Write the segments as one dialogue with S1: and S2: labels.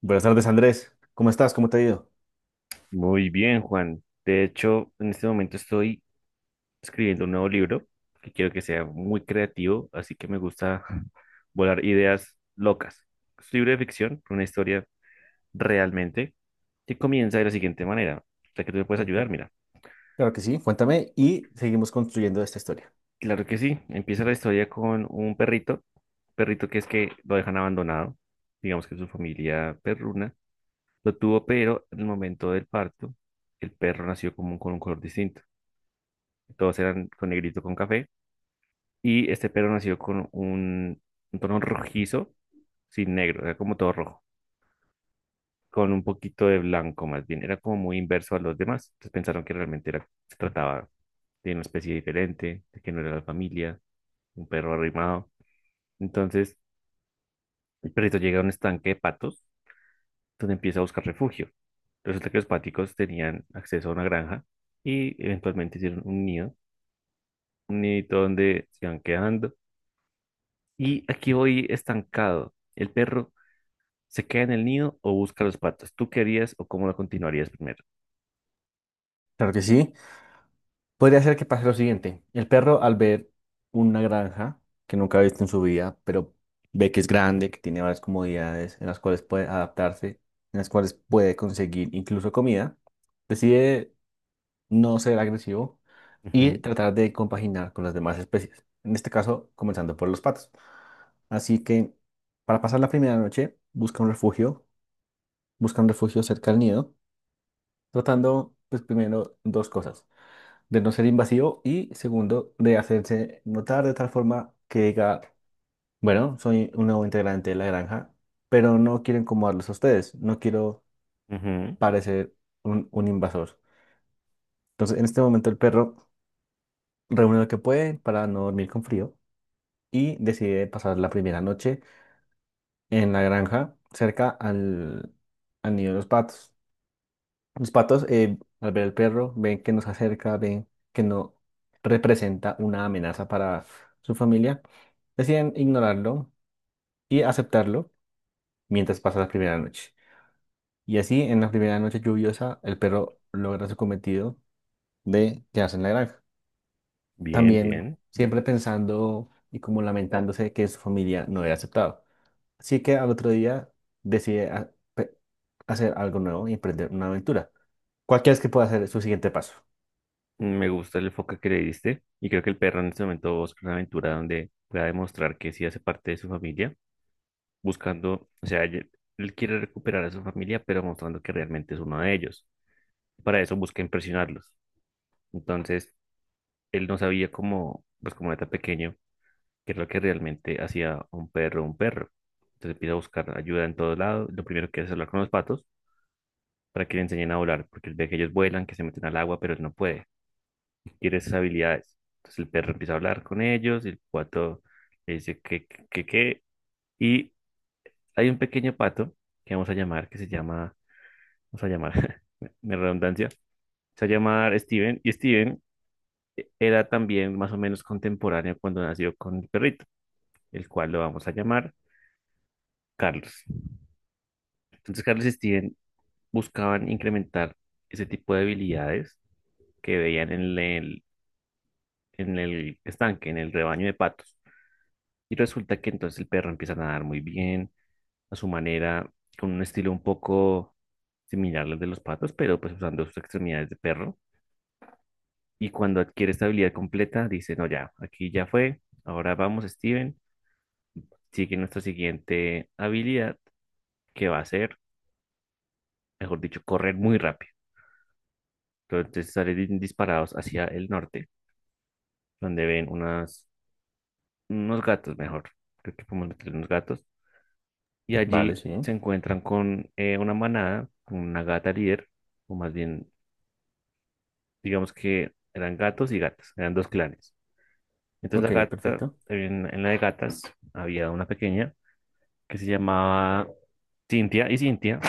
S1: Buenas tardes, Andrés. ¿Cómo estás? ¿Cómo te ha ido?
S2: Muy bien, Juan. De hecho, en este momento estoy escribiendo un nuevo libro que quiero que sea muy creativo, así que me gusta volar ideas locas. Es un libro de ficción, una historia realmente, que comienza de la siguiente manera. O sea que tú me puedes ayudar,
S1: Perfecto.
S2: mira.
S1: Claro que sí, cuéntame y seguimos construyendo esta historia.
S2: Claro que sí. Empieza la historia con un perrito, perrito que es que lo dejan abandonado. Digamos que su familia perruna lo tuvo, pero en el momento del parto, el perro nació como con un color distinto. Todos eran con negrito con café. Y este perro nació con un tono rojizo, sin negro, era como todo rojo, con un poquito de blanco más bien. Era como muy inverso a los demás. Entonces pensaron que realmente era, se trataba de una especie diferente, de que no era la familia, un perro arrimado. Entonces el perrito llega a un estanque de patos donde empieza a buscar refugio. Resulta que los páticos tenían acceso a una granja y eventualmente hicieron un nido, un nidito donde se iban quedando. Y aquí voy estancado. El perro, ¿se queda en el nido o busca los patos? ¿Tú qué harías o cómo lo continuarías primero?
S1: Claro que sí. Podría ser que pase lo siguiente. El perro, al ver una granja que nunca ha visto en su vida, pero ve que es grande, que tiene varias comodidades en las cuales puede adaptarse, en las cuales puede conseguir incluso comida, decide no ser agresivo
S2: Ujú,
S1: y tratar de compaginar con las demás especies. En este caso, comenzando por los patos. Así que, para pasar la primera noche, busca un refugio cerca del nido, tratando, pues, primero, dos cosas, de no ser invasivo y, segundo, de hacerse notar de tal forma que diga, bueno, soy un nuevo integrante de la granja, pero no quiero incomodarlos a ustedes, no quiero
S2: ujú.
S1: parecer un invasor. Entonces, en este momento, el perro reúne lo que puede para no dormir con frío y decide pasar la primera noche en la granja cerca al nido de los patos. Los patos, al ver al perro, ven que nos acerca, ven que no representa una amenaza para su familia, deciden ignorarlo y aceptarlo mientras pasa la primera noche. Y así, en la primera noche lluviosa, el perro logra su cometido de quedarse en la granja.
S2: Bien,
S1: También
S2: bien.
S1: siempre pensando y como lamentándose que su familia no era aceptado. Así que al otro día decide hacer algo nuevo y emprender una aventura. ¿Cuál crees que pueda ser su siguiente paso?
S2: Me gusta el enfoque que le diste y creo que el perro en este momento busca una aventura donde pueda demostrar que sí hace parte de su familia, buscando, o sea, él quiere recuperar a su familia, pero mostrando que realmente es uno de ellos. Para eso busca impresionarlos. Entonces, él no sabía cómo, pues como era tan pequeño, qué es lo que realmente hacía un perro un perro. Entonces empieza a buscar ayuda en todos lados. Lo primero que hace es hablar con los patos para que le enseñen a volar, porque él ve que ellos vuelan, que se meten al agua, pero él no puede, tiene esas habilidades. Entonces el perro empieza a hablar con ellos, el pato le dice que, y hay un pequeño pato que vamos a llamar, que se llama, vamos a llamar, me redundancia, se llama Steven, y Steven era también más o menos contemporáneo cuando nació con el perrito, el cual lo vamos a llamar Carlos. Entonces Carlos y Steven buscaban incrementar ese tipo de habilidades que veían en el estanque, en el rebaño de patos. Y resulta que entonces el perro empieza a nadar muy bien, a su manera, con un estilo un poco similar al de los patos, pero pues usando sus extremidades de perro. Y cuando adquiere esta habilidad completa, dice, no, ya, aquí ya fue, ahora vamos, Steven, sigue nuestra siguiente habilidad, que va a ser, mejor dicho, correr muy rápido. Entonces salen disparados hacia el norte, donde ven unos gatos, mejor, creo que podemos meter unos gatos y
S1: Vale,
S2: allí
S1: sí.
S2: se encuentran con una manada, con una gata líder, o más bien, digamos que eran gatos y gatas, eran dos clanes. Entonces
S1: Ok,
S2: la gata,
S1: perfecto.
S2: en la de gatas, había una pequeña que se llamaba Cintia, y Cintia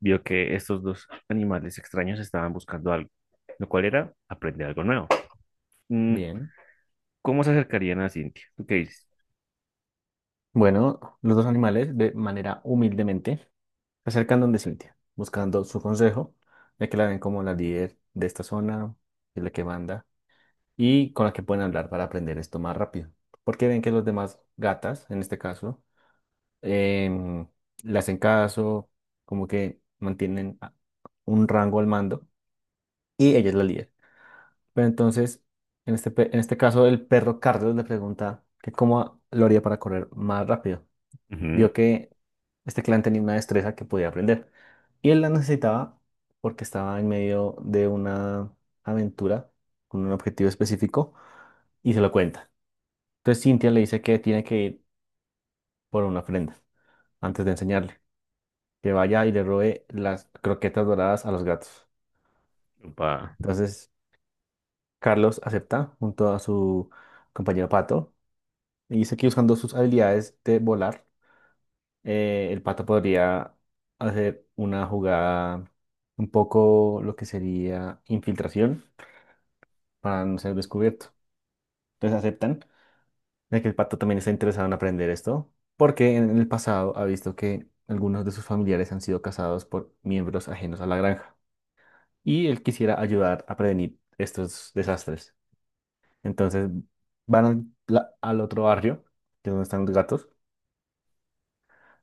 S2: vio que estos dos animales extraños estaban buscando algo, lo cual era aprender algo nuevo. Mm,
S1: Bien.
S2: ¿Cómo se acercarían a Cintia? ¿Tú qué dices?
S1: Bueno, los dos animales, de manera humildemente, se acercan donde Cintia, buscando su consejo, ya que la ven como la líder de esta zona, es la que manda, y con la que pueden hablar para aprender esto más rápido. Porque ven que los demás gatas, en este caso, em, le hacen caso, como que mantienen un rango al mando, y ella es la líder. Pero entonces, en en este caso, el perro Carlos le pregunta que cómo lo haría para correr más rápido.
S2: Ujú,
S1: Vio que este clan tenía una destreza que podía aprender y él la necesitaba porque estaba en medio de una aventura con un objetivo específico y se lo cuenta. Entonces, Cintia le dice que tiene que ir por una ofrenda antes de enseñarle, que vaya y le robe las croquetas doradas a los gatos.
S2: upa.
S1: Entonces, Carlos acepta junto a su compañero Pato y dice que, usando sus habilidades de volar, el Pato podría hacer una jugada, un poco lo que sería infiltración, para no ser
S2: Ujú.
S1: descubierto. Entonces aceptan de que el Pato también está interesado en aprender esto porque en el pasado ha visto que algunos de sus familiares han sido cazados por miembros ajenos a la granja, y él quisiera ayudar a prevenir estos desastres. Entonces van al otro barrio, que es donde están los gatos,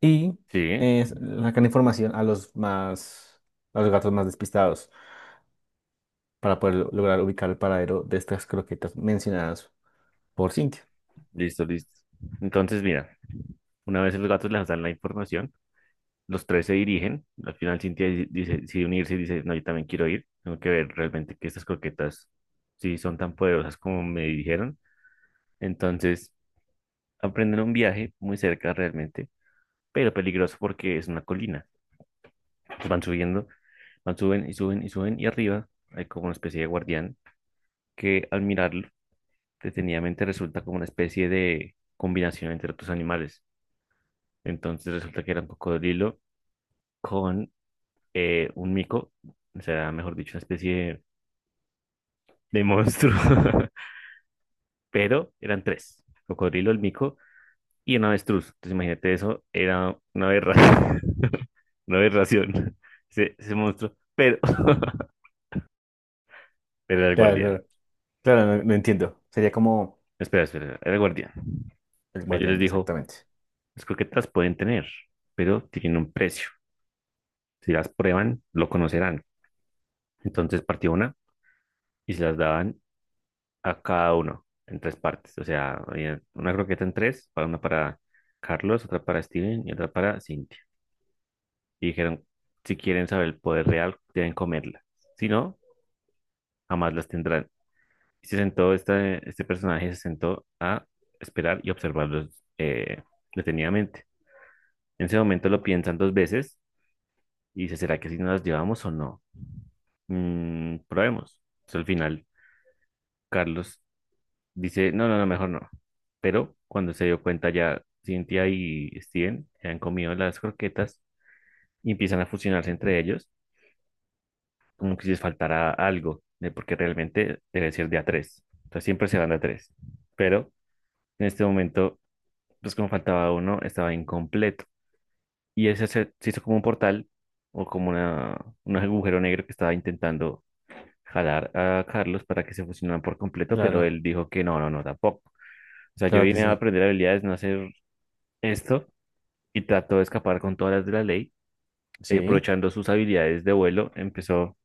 S1: y
S2: Sí,
S1: sacan información a a los gatos más despistados para poder lograr ubicar el paradero de estas croquetas mencionadas por Cintia.
S2: listo, listo. Entonces, mira, una vez los gatos les dan la información, los tres se dirigen. Al final Cintia dice, decide unirse y dice, no, yo también quiero ir. Tengo que ver realmente que estas croquetas sí son tan poderosas como me dijeron. Entonces, aprenden un viaje muy cerca realmente, pero peligroso porque es una colina. Van subiendo, van, suben y suben y suben y arriba hay como una especie de guardián que al mirarlo detenidamente resulta como una especie de combinación entre otros animales. Entonces resulta que era un cocodrilo con un mico, o sea, mejor dicho, una especie de monstruo, pero eran tres, el cocodrilo, el mico y un avestruz. Entonces imagínate eso, era una aberración, una aberración, ese monstruo, pero, pero era el
S1: Claro,
S2: guardián.
S1: claro, claro, lo entiendo. Sería como
S2: Espera, espera, era el guardián.
S1: el
S2: Pero yo les
S1: guardián,
S2: dijo,
S1: exactamente.
S2: las croquetas pueden tener, pero tienen un precio. Si las prueban, lo conocerán. Entonces partió una y se las daban a cada uno en tres partes. O sea, había una croqueta en tres, para una para Carlos, otra para Steven y otra para Cinti. Y dijeron, si quieren saber el poder real, deben comerla, si no, jamás las tendrán. Y se sentó, este personaje se sentó a esperar y observarlos eh, detenidamente. En ese momento lo piensan dos veces y dice, ¿será que si nos las llevamos o no? Probemos. Entonces, al final, Carlos dice, no, no, no, mejor no. Pero cuando se dio cuenta ya, Cynthia y Steven se han comido las croquetas y empiezan a fusionarse entre ellos como que si les faltará algo, ¿eh? Porque realmente debe ser de a tres. Entonces siempre se van de a tres. Pero en este momento, pues como faltaba uno, estaba incompleto. Y ese se hizo como un portal o como una, un agujero negro que estaba intentando jalar a Carlos para que se fusionaran por completo, pero
S1: Claro,
S2: él dijo que no, no, no, tampoco. O sea, yo
S1: claro que
S2: vine a
S1: sí.
S2: aprender habilidades, no a hacer esto, y trató de escapar con todas las de la ley, y
S1: Sí,
S2: aprovechando sus habilidades de vuelo, empezó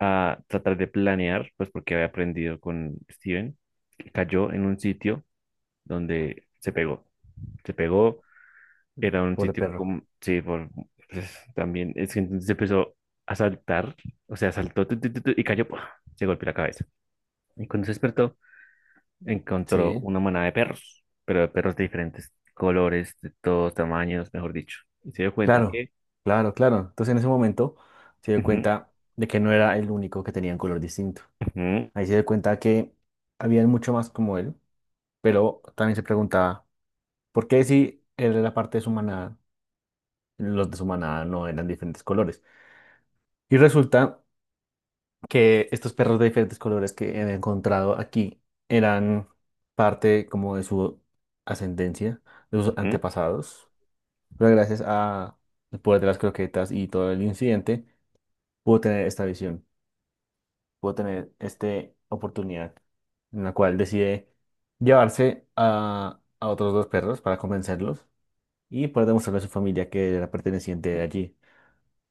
S2: a tratar de planear, pues porque había aprendido con Steven, y cayó en un sitio donde se pegó. Se pegó, era un
S1: pobre
S2: sitio
S1: perro.
S2: como, sí, por, pues, también, es que entonces empezó a saltar, o sea, saltó tu, tu, tu, tu, y cayó, ¡pua! Se golpeó la cabeza. Y cuando se despertó, encontró
S1: Sí.
S2: una manada de perros, pero de perros de diferentes colores, de todos tamaños, mejor dicho. Y se dio cuenta
S1: Claro,
S2: que...
S1: claro, claro. Entonces, en ese momento, se dio
S2: Ujú,
S1: cuenta de que no era el único que tenía un color distinto.
S2: ujú,
S1: Ahí se dio cuenta que había mucho más como él, pero también se preguntaba, ¿por qué si él era parte de su manada, los de su manada no eran diferentes colores? Y resulta que estos perros de diferentes colores que he encontrado aquí eran parte como de su ascendencia, de sus
S2: ujú,
S1: antepasados, pero gracias a el poder de las croquetas y todo el incidente, pudo tener esta visión. Pudo tener esta oportunidad en la cual decide llevarse a otros dos perros para convencerlos y poder demostrarle a su familia que era perteneciente de allí.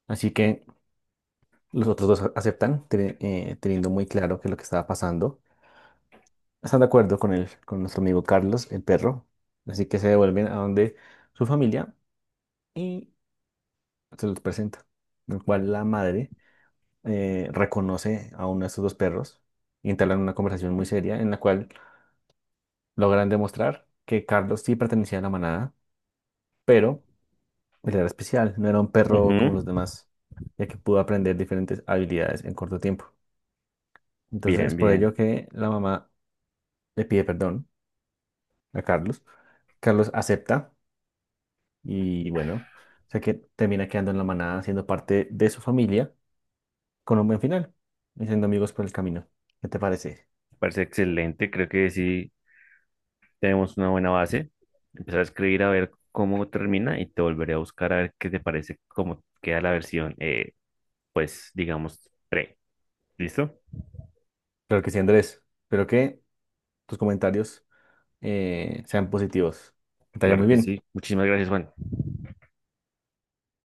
S1: Así que los otros dos aceptan, teniendo muy claro qué es lo que estaba pasando. Están de acuerdo con con nuestro amigo Carlos, el perro. Así que se devuelven a donde su familia y se los presenta. En el cual la madre reconoce a uno de estos dos perros y entablan una conversación muy seria en la cual logran demostrar que Carlos sí pertenecía a la manada, pero él era especial, no era un perro
S2: ujú.
S1: como los demás, ya que pudo aprender diferentes habilidades en corto tiempo. Entonces es
S2: Bien,
S1: por
S2: bien.
S1: ello que la mamá le pide perdón a Carlos. Carlos acepta y, bueno, o sea que termina quedando en la manada, siendo parte de su familia, con un buen final y siendo amigos por el camino. ¿Qué te parece?
S2: Parece excelente. Creo que sí tenemos una buena base. Empezar a escribir a ver cómo termina y te volveré a buscar a ver qué te parece, cómo queda la versión, pues digamos, pre. ¿Listo?
S1: Claro que sí, Andrés. Espero que tus comentarios sean positivos. Que te vaya
S2: Claro
S1: muy
S2: que
S1: bien.
S2: sí. Muchísimas gracias, Juan.